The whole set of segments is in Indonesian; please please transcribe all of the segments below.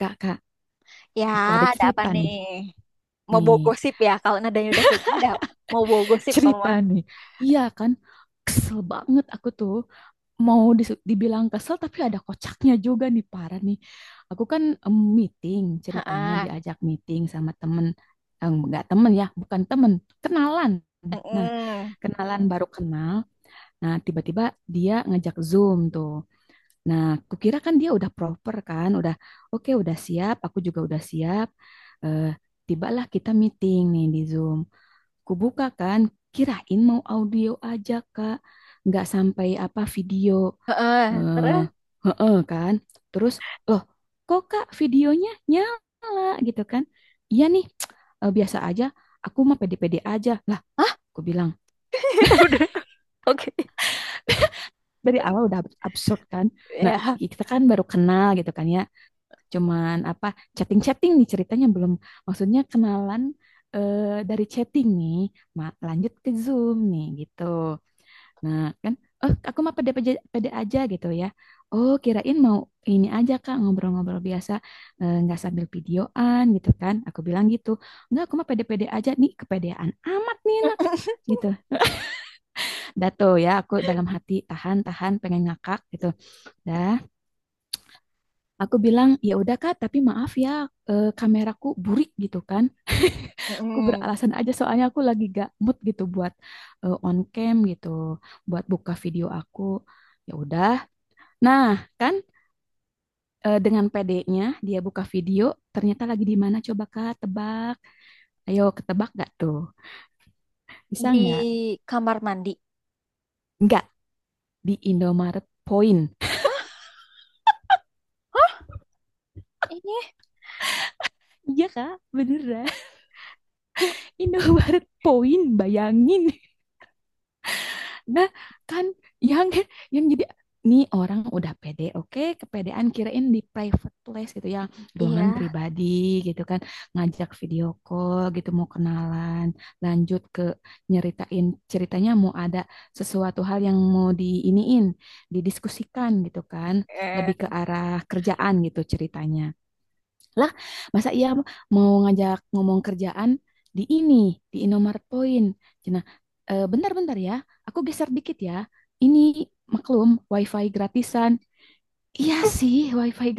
Kak, kak, Ya, aku ada ada apa cerita nih. nih? Mau bawa Nih, gosip ya? Kalau nadanya udah kayak gini, udah mau bawa gosip kamu cerita mah. nih. Iya kan, kesel banget aku tuh. Mau dibilang kesel, tapi ada kocaknya juga nih, parah nih. Aku kan meeting, ceritanya Heeh. diajak meeting sama temen. Eh, enggak temen ya, bukan temen, kenalan. Nah, Heeh. kenalan baru kenal. Nah, tiba-tiba dia ngajak Zoom tuh. Nah, kukira kan dia udah proper kan, udah oke, udah siap, aku juga udah siap. Eh, tibalah kita meeting nih di Zoom. Kubuka kan, kirain mau audio aja, Kak. Nggak sampai apa video. Heeh. Eh, Terus? heeh kan. Terus, loh, kok Kak videonya nyala gitu kan? Iya nih, eh, biasa aja. Aku mah pede-pede aja. Lah, Hah? aku bilang. Udah. Oke. Dari awal udah absurd kan. Nah, Ya. kita kan baru kenal gitu kan ya, cuman apa chatting-chatting nih ceritanya, belum maksudnya kenalan, eh, dari chatting nih, lanjut ke Zoom nih gitu. Nah, kan oh aku mah pede pede, pede aja gitu ya. Oh, kirain mau ini aja Kak ngobrol-ngobrol biasa, eh, nggak sambil videoan gitu kan. Aku bilang gitu. Enggak, aku mah pede-pede aja nih, kepedean amat nih anak gitu. Dah tuh ya aku dalam hati tahan-tahan pengen ngakak gitu. Dah, aku bilang, ya udah Kak, tapi maaf ya, eh, kameraku burik gitu kan. Aku Heeh. beralasan aja soalnya aku lagi gak mood gitu buat eh, on cam gitu, buat buka video aku. Ya udah. Nah, kan dengan pd dia buka video, ternyata lagi di mana coba Kak, tebak. Ayo ketebak gak tuh? Bisa Di nggak? kamar mandi. Nggak, di Indomaret Point. Hah? Hah? Ini? Iya Kak, beneran. Indomaret Point, bayangin. Nah, kan yang jadi nih orang udah pede, oke, kepedean, kirain di private place gitu ya, ruangan Iya. pribadi gitu kan, ngajak video call gitu mau kenalan, lanjut ke nyeritain ceritanya mau ada sesuatu hal yang mau diiniin, didiskusikan gitu kan, Eh. lebih ke arah kerjaan gitu ceritanya. Lah, masa iya mau ngajak ngomong kerjaan di ini, di Indomaret Point. Cina, "Eh, bentar-bentar ya, aku geser dikit ya. Ini maklum, wifi gratisan. Iya sih, wifi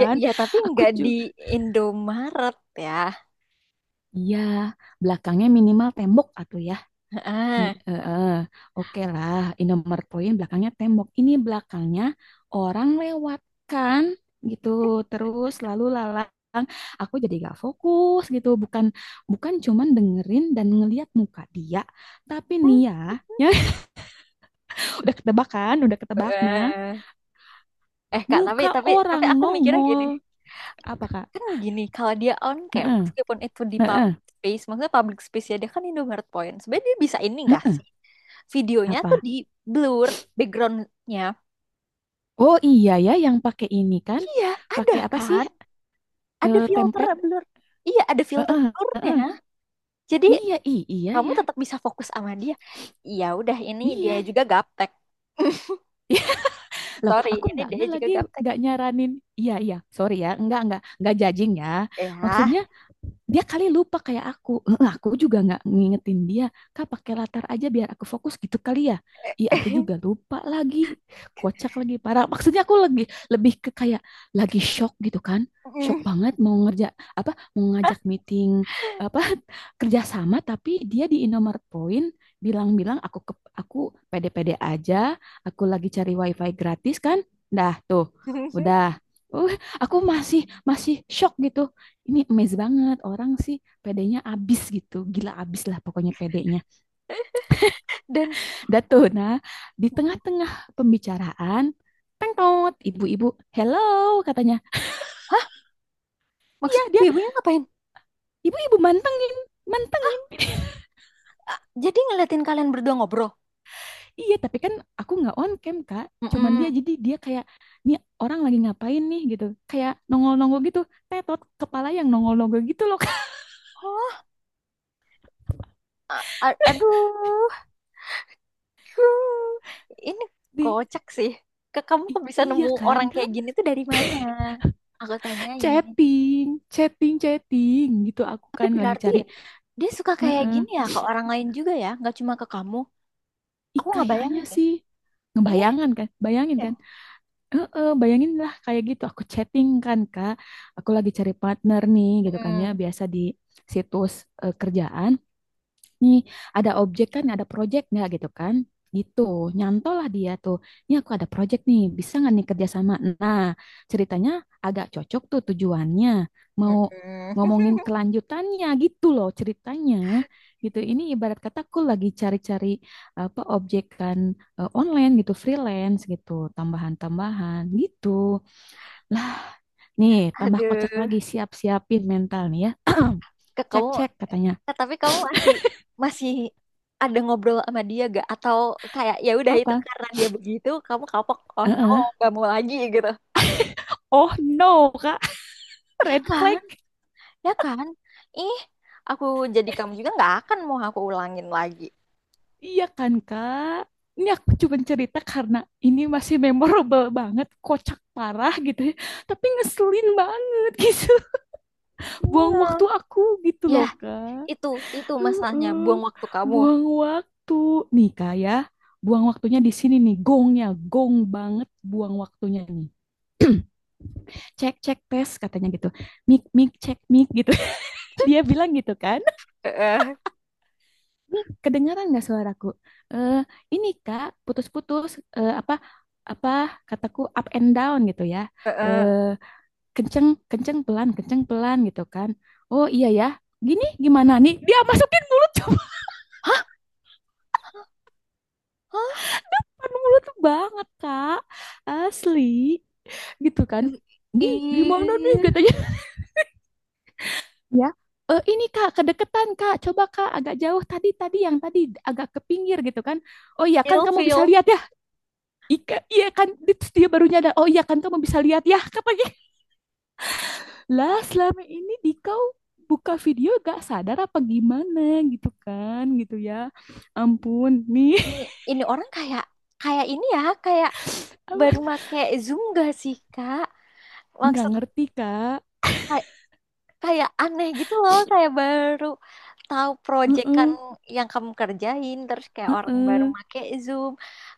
Ya, ya, tapi Aku nggak di juga, Indomaret ya. iya, belakangnya minimal tembok atau ya. Heeh. Mi- eh, eh, Oke lah, Indomaret poin belakangnya tembok. Ini belakangnya orang lewat kan gitu. Terus lalu lalang, aku jadi gak fokus gitu. Bukan bukan cuman dengerin dan ngeliat muka dia, tapi nih ya, ya udah ketebak kan, udah ketebak nah. Heeh. Eh, Kak, tapi Muka tapi tapi orang aku mikirnya gini. nongol apa Kak? Kan gini, kalau dia on cam Heeh, meskipun itu di heeh, public space, maksudnya public space ya, dia kan Indomaret Point, sebenarnya dia bisa ini nggak heeh. sih videonya tuh Apa? di blur backgroundnya. Oh iya ya yang pakai ini kan. Iya, ada Pakai apa sih? kan, ada Eh, filter template. blur, iya ada filter Heeh. blurnya, Heeh. jadi Iya, iya kamu ya. tetap bisa fokus sama dia. Ya udah, ini dia Iya. juga gaptek. Iya. Loh, Sorry, aku ini dia nggak juga lagi gaptek nggak nyaranin. Iya, iya. Sorry ya, nggak nggak judging ya. Maksudnya ya. dia kali lupa kayak aku. Heeh, aku juga nggak ngingetin dia, kak pakai latar aja biar aku fokus gitu kali ya. Ih, aku juga lupa lagi, kocak lagi parah. Maksudnya aku lagi lebih ke kayak lagi shock gitu kan, shock banget. Mau ngerja apa, mau ngajak meeting apa, kerjasama, tapi dia di Indomaret Point. Bilang-bilang aku ke, aku pede-pede aja, aku lagi cari wifi gratis kan. Dah tuh, udah. Uh, aku masih masih shock gitu. Ini amazing banget orang sih, pedenya abis gitu, gila abis lah pokoknya pedenya. Dan Datuna di tengah-tengah pembicaraan, tengkot ibu-ibu, hello, katanya. Iya, maksudnya dia ibunya ngapain? ibu-ibu manteng nih, manteng. Jadi ngeliatin kalian berdua ngobrol. Iya, tapi kan aku nggak on cam kak, cuman dia, Mm-mm. jadi dia kayak nih orang lagi ngapain nih gitu, kayak nongol-nongol gitu, tetot kepala yang nongol-nongol gitu loh kak. Oh, aduh, huh, ini Di, kocak sih. Ke kamu kok bisa nemu iya kan orang kak, kayak gini tuh dari mana? Aku tanyain. chatting, chatting chatting gitu aku Tapi kan lagi berarti cari. dia suka kayak Heeh. gini ya ke orang lain juga ya, nggak cuma ke kamu. Ih, Aku nggak kayaknya bayangin deh. sih Ih, ngebayangan kan, bayangin ya. kan, bayangin lah kayak gitu. Aku chatting kan kak, aku lagi cari partner nih gitu kan ya, Mm, biasa di situs, eh, kerjaan nih, ada objek kan, ada project nggak gitu kan? Gitu, nyantol lah dia tuh. Ini aku ada project nih, bisa nggak nih kerjasama? Nah, ceritanya agak cocok tuh tujuannya. Mau mm-mm. ngomongin kelanjutannya gitu loh ceritanya. Gitu, ini ibarat kata aku lagi cari-cari apa objekan, eh, online gitu, freelance gitu, tambahan-tambahan gitu. Lah, nih tambah kocak Aduh, lagi, siap-siapin mental nih ya. ke kamu. Cek-cek katanya. Tapi kamu masih, masih ada ngobrol sama dia gak? Atau kayak ya udah itu Apa? karena dia begitu, kamu kapok. Oh no, Heeh. gak mau lagi gitu. Oh no, Kak. Iya Red flag, kan? Ya kan? Ih, aku jadi kamu juga nggak akan mau aku ulangin lagi. iya kan kak? Ini aku cuma cerita karena ini masih memorable banget, kocak parah gitu ya. Tapi ngeselin banget gitu. Buang waktu Iya. aku gitu Ya, loh kak. itu, itu masalahnya. Heeh. Buang waktu kamu. Buang waktu. Nih kak ya, buang waktunya di sini nih. Gongnya, gong banget buang waktunya nih. Cek, cek, tes katanya gitu. Mik, mik, cek, mik gitu. Dia bilang gitu kan. Heeh, Ini kedengaran nggak suaraku? Eh, ini Kak, putus-putus. Eh, apa apa kataku up and down gitu ya. heeh. Eh, kenceng kenceng pelan gitu kan. Oh iya ya. Gini gimana nih? Dia masukin mulut cuman Hah? Hah? mulut tuh banget Kak. Asli gitu kan. Nih gimana nih Ih, katanya ya. Eh, ini Kak kedeketan Kak. Coba Kak agak jauh, tadi tadi yang tadi agak ke pinggir gitu kan. Oh iya kan feel. kamu bisa Feel. lihat ya. Ika, iya kan, terus dia baru nyadar, oh iya kan kamu bisa lihat, ya katanya. Lah selama ini Dikau buka video gak sadar apa gimana gitu kan, gitu ya. Ampun, nih, Ini, ini orang kayak, kayak ini ya, kayak apa, baru make Zoom gak sih, Kak? nggak Maksud ngerti kak. kay- kayak aneh gitu loh, kayak baru tahu project kan Heeh, yang kamu kerjain, terus kayak orang baru heeh, make Zoom.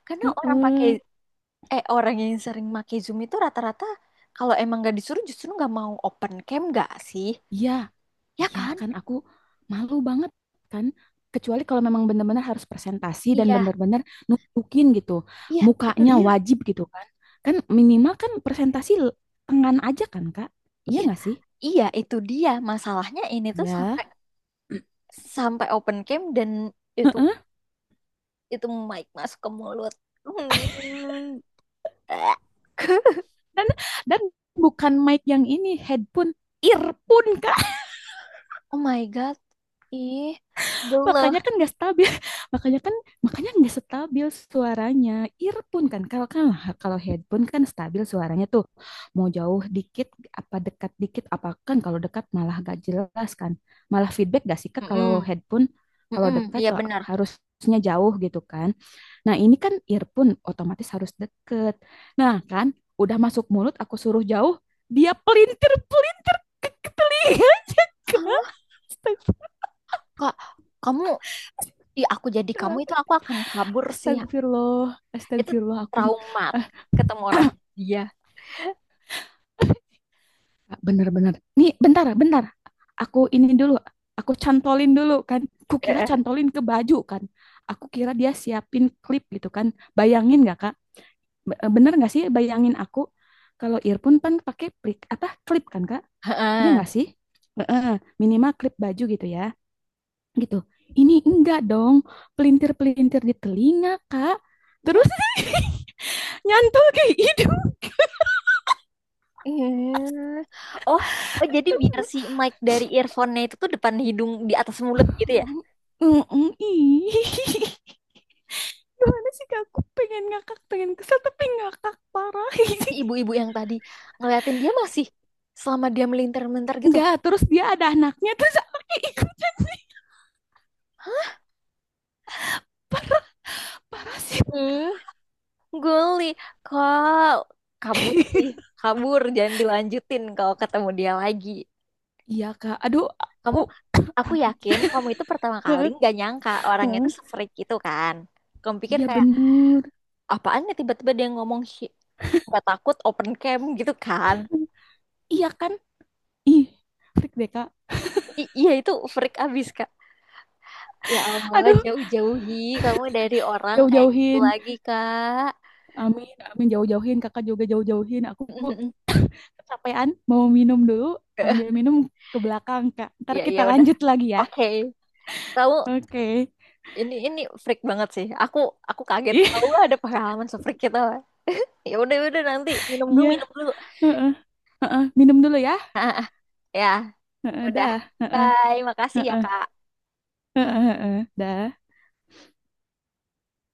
Karena orang pakai, heeh. Orang yang sering make Zoom itu rata-rata kalau emang gak disuruh justru nggak mau open cam nggak sih? Iya, Ya iya kan? kan aku malu banget kan. Kecuali kalau memang benar-benar harus presentasi dan Iya, benar-benar nunjukin gitu. iya, itu Mukanya dia. wajib gitu kan. Kan minimal kan presentasi tangan aja kan kak. Iya Iya, nggak sih? iya, itu dia. Masalahnya ini tuh Ya. sampai, open cam dan itu Heeh. itu mic masuk ke mulut. Hmm. Eh, Dan dan bukan mic yang ini, headphone, earphone, Kak. oh my God. Ih, Makanya geluh. kan nggak stabil, makanya kan nggak stabil suaranya. Earphone kan, kalau kan, kalau headphone kan stabil suaranya tuh, mau jauh dikit apa dekat dikit apa. Kan kalau dekat malah gak jelas kan, malah feedback gak sih Kak kalau Mm-mm. headphone. Kalau Mm-mm. dekat Iya wah, benar. harusnya jauh gitu kan. Nah ini kan earphone otomatis harus deket. Nah kan udah masuk mulut, aku suruh jauh, dia pelintir pelintir aja Kak. Ah, Kak, kamu, ih aku jadi kamu itu aku akan kabur sih. Astagfirullah, Itu astagfirullah aku traumat eh ketemu orang dia. bener-bener. Nih, bentar, bentar. Aku ini dulu, aku cantolin dulu kan. Kukira cantolin ke baju kan. Aku kira dia siapin klip gitu kan. Bayangin nggak Kak? Bener nggak sih, bayangin aku, kalau earphone kan pakai plik apa klip kan Kak? Iya Heeh. nggak sih? Heeh, minimal klip baju gitu ya. Gitu. Ini enggak dong, pelintir-pelintir di telinga, Kak. Hah? Terus nyantol ke hidung. Eh. Oh, oh jadi biar si Astagfirullah. mic dari earphone-nya itu tuh depan hidung di atas mulut gitu ya. Mm-mm, ih. Gimana sih Kak? Aku pengen ngakak, pengen kesel, tapi ngakak parah. Si ibu-ibu yang tadi ngeliatin dia masih selama dia melintir-melintir gitu. Enggak, terus dia ada anaknya, terus anaknya ikutan. Parah sih. Hmm, guli. Kok kabur sih? Kabur, jangan dilanjutin kalau ketemu dia lagi. Iya Kak, aduh aku. Kamu, aku yakin kamu itu pertama kali nggak nyangka orangnya itu se-freak itu kan. Kamu pikir Iya kayak bener. apaan ya, tiba-tiba dia ngomong "Hi-", nggak takut open cam gitu kan. Iya kan? Ih, freak deh Kak. Iya, itu freak abis kak, ya Allah Aduh, jauh-jauhi kamu dari orang kayak gitu jauh-jauhin. lagi kak. Amin, amin jauh-jauhin. Kakak juga jauh-jauhin. Aku kecapean, mau minum dulu. Ambil minum ke belakang Kak. Ntar Ya iya kita udah, lanjut lagi ya. oke, kamu Oke. Okay. ini freak banget sih, aku kaget Ih. kamu ada pengalaman se-freak kita. Ya udah, ya udah, nanti minum dulu, Iya, minum dulu. heeh, heeh. Minum dulu ya. Ah, ah, ya Heeh, udah, dah. Heeh, bye, makasih ya heeh, kak. heeh, heeh, dah.